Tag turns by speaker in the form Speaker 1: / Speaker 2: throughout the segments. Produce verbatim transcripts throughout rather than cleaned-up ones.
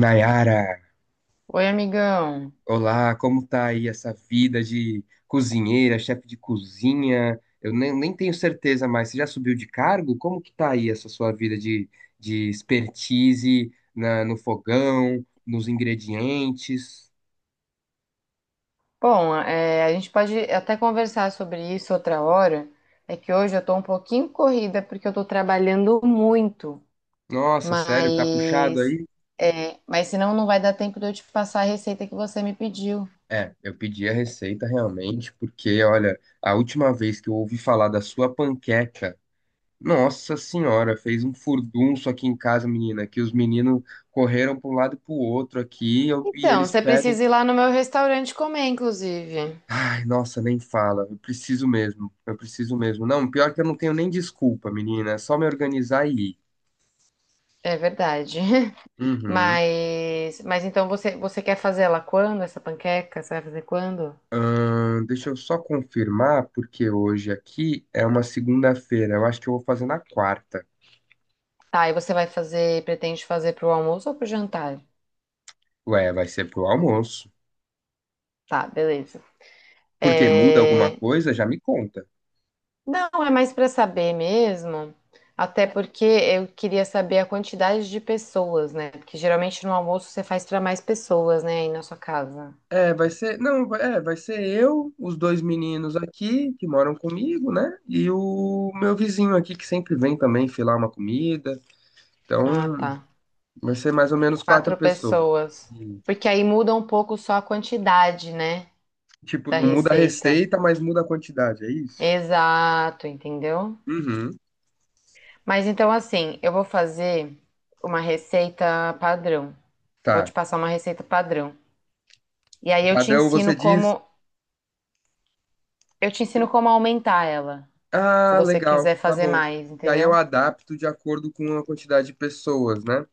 Speaker 1: Nayara,
Speaker 2: Oi, amigão.
Speaker 1: olá, como tá aí essa vida de cozinheira, chefe de cozinha? Eu nem, nem tenho certeza mais. Você já subiu de cargo? Como que tá aí essa sua vida de, de expertise na- no fogão, nos ingredientes?
Speaker 2: Bom, é, a gente pode até conversar sobre isso outra hora. É que hoje eu tô um pouquinho corrida porque eu tô trabalhando muito,
Speaker 1: Nossa, sério, tá puxado
Speaker 2: mas
Speaker 1: aí?
Speaker 2: é, mas senão não vai dar tempo de eu te passar a receita que você me pediu.
Speaker 1: É, eu pedi a receita realmente, porque olha, a última vez que eu ouvi falar da sua panqueca. Nossa senhora, fez um furdunço aqui em casa, menina, que os meninos correram para um lado e para o outro aqui e, eu- e
Speaker 2: Então,
Speaker 1: eles
Speaker 2: você
Speaker 1: pedem.
Speaker 2: precisa ir lá no meu restaurante comer, inclusive.
Speaker 1: Ai, nossa, nem fala. Eu preciso mesmo. Eu preciso mesmo. Não, pior que eu não tenho nem desculpa, menina. É só me organizar e ir.
Speaker 2: É verdade.
Speaker 1: Uhum.
Speaker 2: Mas mas então você você quer fazer ela quando essa panqueca? Você vai fazer quando?
Speaker 1: Ahn, deixa eu só confirmar, porque hoje aqui é uma segunda-feira. Eu acho que eu vou fazer na quarta.
Speaker 2: Tá, e você vai fazer, pretende fazer pro almoço ou pro jantar?
Speaker 1: Ué, vai ser pro almoço.
Speaker 2: Tá, beleza.
Speaker 1: Porque muda alguma
Speaker 2: É,
Speaker 1: coisa, já me conta.
Speaker 2: Não, é mais para saber mesmo, até porque eu queria saber a quantidade de pessoas, né? Porque geralmente no almoço você faz para mais pessoas, né, aí na sua casa.
Speaker 1: É, vai ser, não, vai- é, vai ser eu, os dois meninos aqui que moram comigo, né? E o meu vizinho aqui que sempre vem também filar uma comida. Então,
Speaker 2: Ah, tá.
Speaker 1: vai ser mais ou menos quatro
Speaker 2: Quatro
Speaker 1: pessoas.
Speaker 2: pessoas.
Speaker 1: E,
Speaker 2: Porque aí muda um pouco só a quantidade, né,
Speaker 1: tipo,
Speaker 2: da
Speaker 1: não muda a
Speaker 2: receita.
Speaker 1: receita, mas muda a quantidade, é isso?
Speaker 2: Exato, entendeu?
Speaker 1: Uhum.
Speaker 2: Mas então assim, eu vou fazer uma receita padrão. Vou
Speaker 1: Tá.
Speaker 2: te passar uma receita padrão. E
Speaker 1: O
Speaker 2: aí eu te
Speaker 1: padrão você
Speaker 2: ensino
Speaker 1: diz,
Speaker 2: como, eu te ensino como aumentar ela. Se
Speaker 1: ah,
Speaker 2: você
Speaker 1: legal,
Speaker 2: quiser
Speaker 1: tá
Speaker 2: fazer
Speaker 1: bom.
Speaker 2: mais,
Speaker 1: E aí eu
Speaker 2: entendeu?
Speaker 1: adapto de acordo com a quantidade de pessoas, né?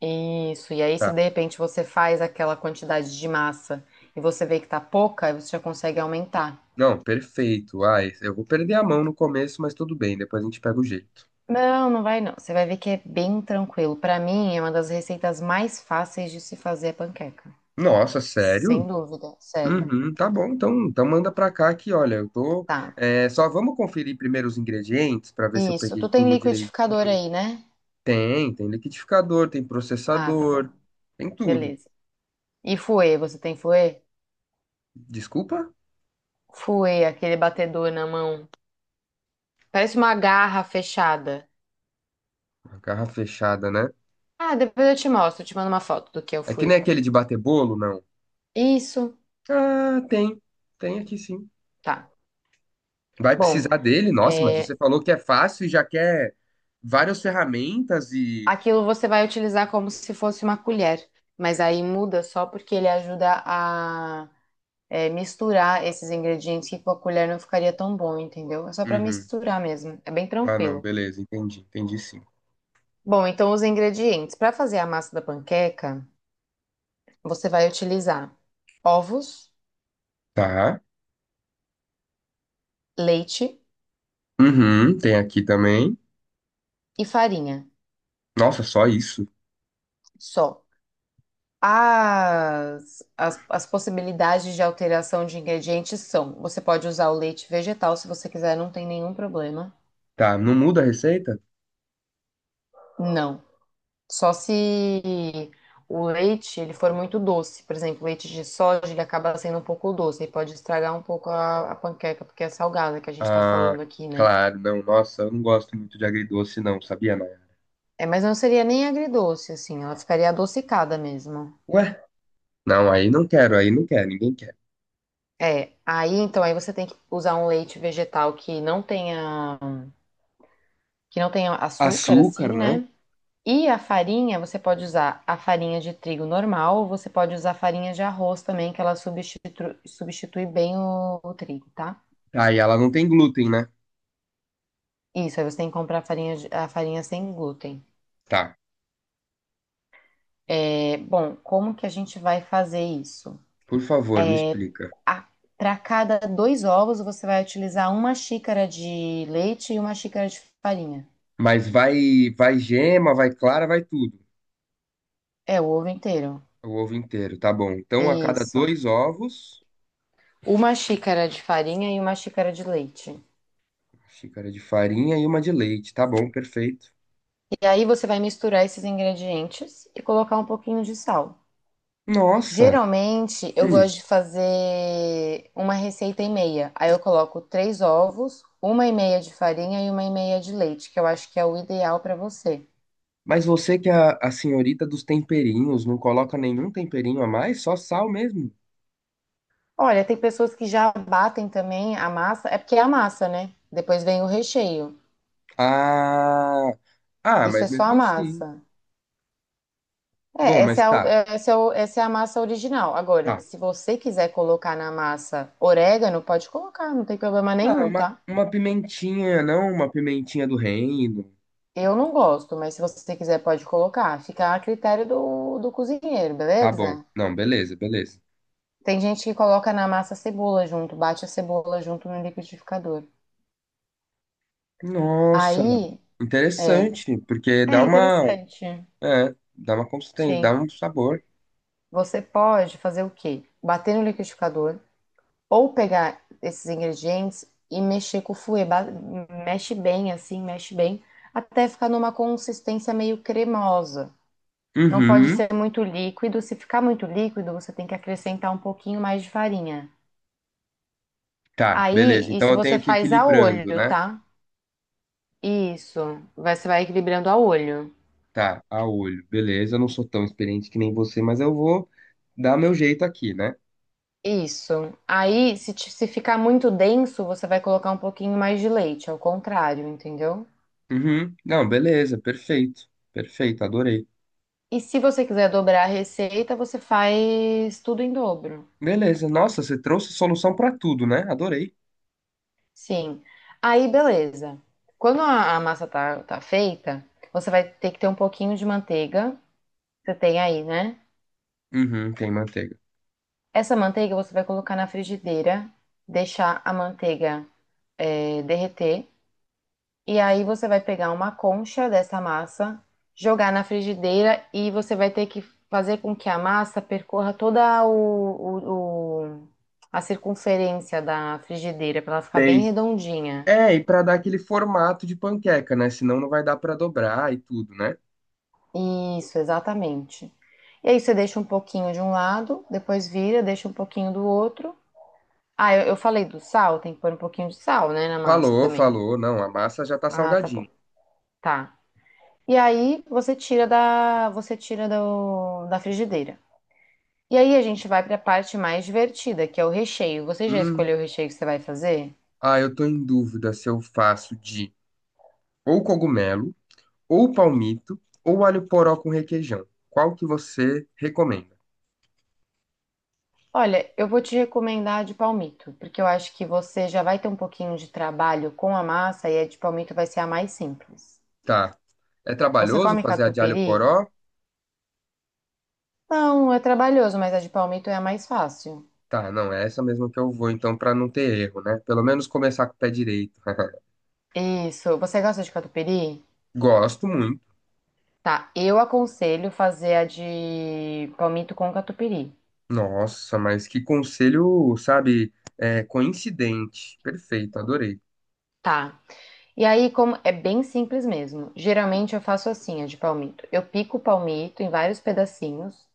Speaker 2: Isso, e aí se
Speaker 1: Tá.
Speaker 2: de repente você faz aquela quantidade de massa e você vê que tá pouca, aí você já consegue aumentar.
Speaker 1: Não, perfeito. Ah, eu vou perder a mão no começo, mas tudo bem, depois a gente pega o jeito.
Speaker 2: Não, não vai não. Você vai ver que é bem tranquilo. Pra mim, é uma das receitas mais fáceis de se fazer a panqueca.
Speaker 1: Nossa, sério?
Speaker 2: Sem dúvida, sério.
Speaker 1: Uhum, tá bom, então, então manda pra cá que, olha, eu tô.
Speaker 2: Tá.
Speaker 1: É, só vamos conferir primeiro os ingredientes pra ver se eu
Speaker 2: Isso. Tu
Speaker 1: peguei
Speaker 2: tem
Speaker 1: tudo direito.
Speaker 2: liquidificador aí, né?
Speaker 1: Tem, tem liquidificador, tem
Speaker 2: Ah, tá bom.
Speaker 1: processador, tem tudo.
Speaker 2: Beleza. E fouet, você tem fouet?
Speaker 1: Desculpa?
Speaker 2: Fouet, aquele batedor na mão. Parece uma garra fechada.
Speaker 1: A garra fechada, né?
Speaker 2: Ah, depois eu te mostro, eu te mando uma foto do que eu
Speaker 1: É que nem
Speaker 2: fui.
Speaker 1: aquele de bater bolo, não?
Speaker 2: Isso,
Speaker 1: Ah, tem. Tem aqui sim.
Speaker 2: tá.
Speaker 1: Vai
Speaker 2: Bom,
Speaker 1: precisar dele? Nossa, mas você
Speaker 2: é,
Speaker 1: falou que é fácil e já quer várias ferramentas e.
Speaker 2: aquilo você vai utilizar como se fosse uma colher, mas aí muda só porque ele ajuda a é, misturar esses ingredientes que com a colher não ficaria tão bom, entendeu? É só para
Speaker 1: Uhum.
Speaker 2: misturar mesmo, é bem
Speaker 1: Ah, não,
Speaker 2: tranquilo.
Speaker 1: beleza, entendi, entendi sim.
Speaker 2: Bom, então os ingredientes. Para fazer a massa da panqueca, você vai utilizar ovos,
Speaker 1: Tá.
Speaker 2: leite
Speaker 1: Uhum, tem aqui também.
Speaker 2: e farinha,
Speaker 1: Nossa, só isso?
Speaker 2: só. As, as, as possibilidades de alteração de ingredientes são: você pode usar o leite vegetal se você quiser, não tem nenhum problema.
Speaker 1: Tá, não muda a receita?
Speaker 2: Não. Só se o leite ele for muito doce. Por exemplo, o leite de soja ele acaba sendo um pouco doce e pode estragar um pouco a, a panqueca, porque é salgada que a gente está
Speaker 1: Ah,
Speaker 2: falando aqui, né?
Speaker 1: claro, não. Nossa, eu não gosto muito de agridoce, não, sabia, Maia?
Speaker 2: É, mas não seria nem agridoce, assim, ela ficaria adocicada mesmo.
Speaker 1: Ué? Não, aí não quero, aí não quero, ninguém quer.
Speaker 2: É, aí então aí você tem que usar um leite vegetal que não tenha que não tenha açúcar,
Speaker 1: Açúcar,
Speaker 2: assim,
Speaker 1: né?
Speaker 2: né? E a farinha, você pode usar a farinha de trigo normal, ou você pode usar a farinha de arroz também, que ela substitui, substitui bem o, o trigo, tá?
Speaker 1: Tá, e ela não tem glúten, né?
Speaker 2: Isso, aí você tem que comprar a farinha, de- a farinha sem glúten.
Speaker 1: Tá,
Speaker 2: É, bom, como que a gente vai fazer isso?
Speaker 1: por favor, me explica.
Speaker 2: Para cada dois ovos, você vai utilizar uma xícara de leite e uma xícara de farinha.
Speaker 1: Mas vai, vai gema, vai clara, vai tudo.
Speaker 2: É, o ovo inteiro.
Speaker 1: O ovo inteiro, tá bom. Então, a cada
Speaker 2: Isso.
Speaker 1: dois ovos,
Speaker 2: Uma xícara de farinha e uma xícara de leite.
Speaker 1: uma xícara de farinha e uma de leite, tá bom, perfeito.
Speaker 2: E aí você vai misturar esses ingredientes e colocar um pouquinho de sal.
Speaker 1: Nossa,
Speaker 2: Geralmente eu
Speaker 1: hum,
Speaker 2: gosto de fazer uma receita e meia. Aí eu coloco três ovos, uma e meia de farinha e uma e meia de leite, que eu acho que é o ideal para você.
Speaker 1: mas você que é a, a senhorita dos temperinhos, não coloca nenhum temperinho a mais, só sal mesmo?
Speaker 2: Olha, tem pessoas que já batem também a massa, é porque é a massa, né? Depois vem o recheio.
Speaker 1: Ah, ah,
Speaker 2: Isso
Speaker 1: mas
Speaker 2: é só a
Speaker 1: mesmo assim.
Speaker 2: massa. É,
Speaker 1: Bom, mas
Speaker 2: essa é
Speaker 1: tá,
Speaker 2: a, essa é o- essa é a massa original. Agora,
Speaker 1: tá.
Speaker 2: se você quiser colocar na massa orégano, pode colocar, não tem problema
Speaker 1: Ah,
Speaker 2: nenhum,
Speaker 1: uma,
Speaker 2: tá?
Speaker 1: uma pimentinha, não uma pimentinha do reino.
Speaker 2: Eu não gosto, mas se você quiser pode colocar. Fica a critério do, do cozinheiro,
Speaker 1: Tá bom.
Speaker 2: beleza?
Speaker 1: Não, beleza, beleza.
Speaker 2: Tem gente que coloca na massa a cebola junto, bate a cebola junto no liquidificador.
Speaker 1: Nossa,
Speaker 2: Aí, é,
Speaker 1: interessante, porque
Speaker 2: é
Speaker 1: dá uma,
Speaker 2: interessante.
Speaker 1: é, dá uma consistência, dá
Speaker 2: Sim.
Speaker 1: um sabor.
Speaker 2: Você pode fazer o quê? Bater no liquidificador ou pegar esses ingredientes e mexer com o fouet. Ba- Mexe bem assim, mexe bem, até ficar numa consistência meio cremosa. Não pode
Speaker 1: Uhum,
Speaker 2: ser muito líquido. Se ficar muito líquido, você tem que acrescentar um pouquinho mais de farinha.
Speaker 1: tá, beleza.
Speaker 2: Aí,
Speaker 1: Então
Speaker 2: isso
Speaker 1: eu
Speaker 2: você
Speaker 1: tenho que ir
Speaker 2: faz a
Speaker 1: equilibrando,
Speaker 2: olho,
Speaker 1: né?
Speaker 2: tá? Isso. Vai- Você vai equilibrando a olho.
Speaker 1: Tá, a olho. Beleza, eu não sou tão experiente que nem você, mas eu vou dá meu jeito aqui, né?
Speaker 2: Isso. Aí, se, ti- Se ficar muito denso, você vai colocar um pouquinho mais de leite, ao contrário, entendeu?
Speaker 1: Uhum. Não, beleza, perfeito. Perfeito, adorei.
Speaker 2: E se você quiser dobrar a receita, você faz tudo em dobro.
Speaker 1: Beleza, nossa, você trouxe solução pra tudo, né? Adorei.
Speaker 2: Sim. Aí, beleza. Quando a, a massa tá, tá feita, você vai ter que ter um pouquinho de manteiga. Você tem aí, né?
Speaker 1: Uhum, tem manteiga.
Speaker 2: Essa manteiga você vai colocar na frigideira, deixar a manteiga eh, derreter. E aí você vai pegar uma concha dessa massa, jogar na frigideira e você vai ter que fazer com que a massa percorra toda o, o- o- a circunferência da frigideira para ela ficar bem
Speaker 1: Tem.
Speaker 2: redondinha.
Speaker 1: É, e pra dar aquele formato de panqueca, né? Senão não vai dar pra dobrar e tudo, né?
Speaker 2: Isso, exatamente. E aí você deixa um pouquinho de um lado, depois vira, deixa um pouquinho do outro. Ah, eu, eu falei do sal, tem que pôr um pouquinho de sal, né, na massa
Speaker 1: Falou,
Speaker 2: também.
Speaker 1: falou. Não, a massa já tá
Speaker 2: Ah, tá
Speaker 1: salgadinha.
Speaker 2: bom. Tá. E aí você tira da, você tira do, da frigideira. E aí a gente vai para a parte mais divertida, que é o recheio. Você já
Speaker 1: Hum.
Speaker 2: escolheu o recheio que você vai fazer?
Speaker 1: Ah, eu tô em dúvida se eu faço de ou cogumelo, ou palmito, ou alho poró com requeijão. Qual que você recomenda?
Speaker 2: Olha, eu vou te recomendar a de palmito, porque eu acho que você já vai ter um pouquinho de trabalho com a massa e a de palmito vai ser a mais simples.
Speaker 1: Tá. É
Speaker 2: Você
Speaker 1: trabalhoso
Speaker 2: come
Speaker 1: fazer a de alho
Speaker 2: catupiry?
Speaker 1: poró?
Speaker 2: Não, é trabalhoso, mas a de palmito é a mais fácil.
Speaker 1: Tá, não, é essa mesmo que eu vou, então, pra não ter erro, né? Pelo menos começar com o pé direito.
Speaker 2: Isso. Você gosta de catupiry?
Speaker 1: Gosto muito.
Speaker 2: Tá. Eu aconselho fazer a de palmito com catupiry.
Speaker 1: Nossa, mas que conselho, sabe? É, coincidente. Perfeito, adorei.
Speaker 2: Tá. E aí, como é bem simples mesmo. Geralmente eu faço assim, a de palmito. Eu pico o palmito em vários pedacinhos,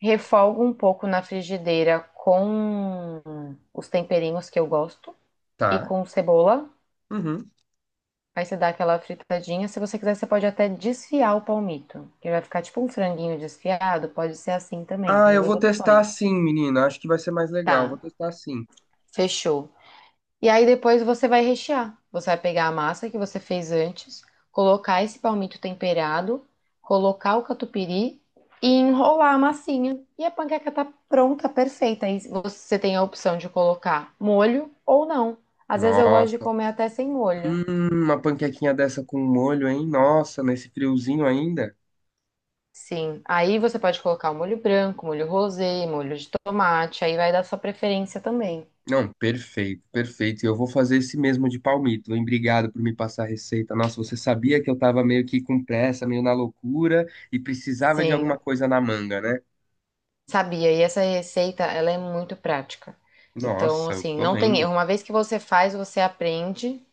Speaker 2: refolgo um pouco na frigideira com os temperinhos que eu gosto e
Speaker 1: Tá.
Speaker 2: com cebola.
Speaker 1: Uhum.
Speaker 2: Aí você dá aquela fritadinha. Se você quiser, você pode até desfiar o palmito, que vai ficar tipo um franguinho desfiado. Pode ser assim também,
Speaker 1: Ah,
Speaker 2: tem
Speaker 1: eu
Speaker 2: duas
Speaker 1: vou testar
Speaker 2: opções.
Speaker 1: assim, menina. Acho que vai ser mais legal. Vou
Speaker 2: Tá,
Speaker 1: testar assim.
Speaker 2: fechou. E aí depois você vai rechear. Você vai pegar a massa que você fez antes, colocar esse palmito temperado, colocar o catupiry e enrolar a massinha. E a panqueca tá pronta, perfeita. Aí você tem a opção de colocar molho ou não. Às vezes eu gosto de
Speaker 1: Nossa.
Speaker 2: comer até sem molho.
Speaker 1: Hum, uma panquequinha dessa com molho, hein? Nossa, nesse friozinho ainda.
Speaker 2: Sim, aí você pode colocar o molho branco, molho rosé, molho de tomate, aí vai dar sua preferência também.
Speaker 1: Não, perfeito, perfeito. E eu vou fazer esse mesmo de palmito. Hein? Obrigado por me passar a receita. Nossa, você sabia que eu tava meio que com pressa, meio na loucura e precisava de alguma
Speaker 2: Sim.
Speaker 1: coisa na manga, né?
Speaker 2: Sabia, e essa receita, ela é muito prática. Então,
Speaker 1: Nossa, eu
Speaker 2: assim,
Speaker 1: tô
Speaker 2: não tem
Speaker 1: vendo.
Speaker 2: erro. Uma vez que você faz, você aprende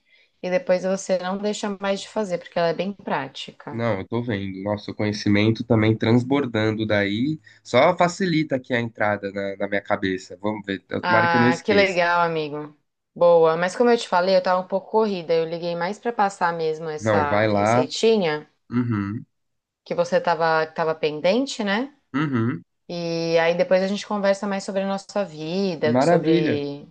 Speaker 2: e depois você não deixa mais de fazer, porque ela é bem prática.
Speaker 1: Não, eu tô vendo. Nosso conhecimento também transbordando daí. Só facilita aqui a entrada na, na minha cabeça. Vamos ver. Eu- Tomara que eu não
Speaker 2: Ah, que
Speaker 1: esqueça.
Speaker 2: legal, amigo. Boa, mas como eu te falei, eu tava um pouco corrida. Eu liguei mais pra passar mesmo
Speaker 1: Não,
Speaker 2: essa
Speaker 1: vai lá.
Speaker 2: receitinha
Speaker 1: Uhum,
Speaker 2: que você tava, tava pendente, né?
Speaker 1: uhum.
Speaker 2: E aí depois a gente conversa mais sobre a nossa vida,
Speaker 1: Maravilha.
Speaker 2: sobre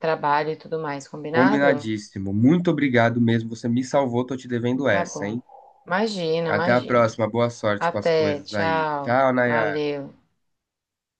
Speaker 2: trabalho e tudo mais, combinado?
Speaker 1: Combinadíssimo. Muito obrigado mesmo. Você me salvou. Tô te
Speaker 2: Então
Speaker 1: devendo
Speaker 2: tá
Speaker 1: essa, hein?
Speaker 2: bom. Imagina,
Speaker 1: Até a
Speaker 2: imagina.
Speaker 1: próxima. Boa sorte com as
Speaker 2: Até,
Speaker 1: coisas aí.
Speaker 2: tchau.
Speaker 1: Tchau, Nayara.
Speaker 2: Valeu.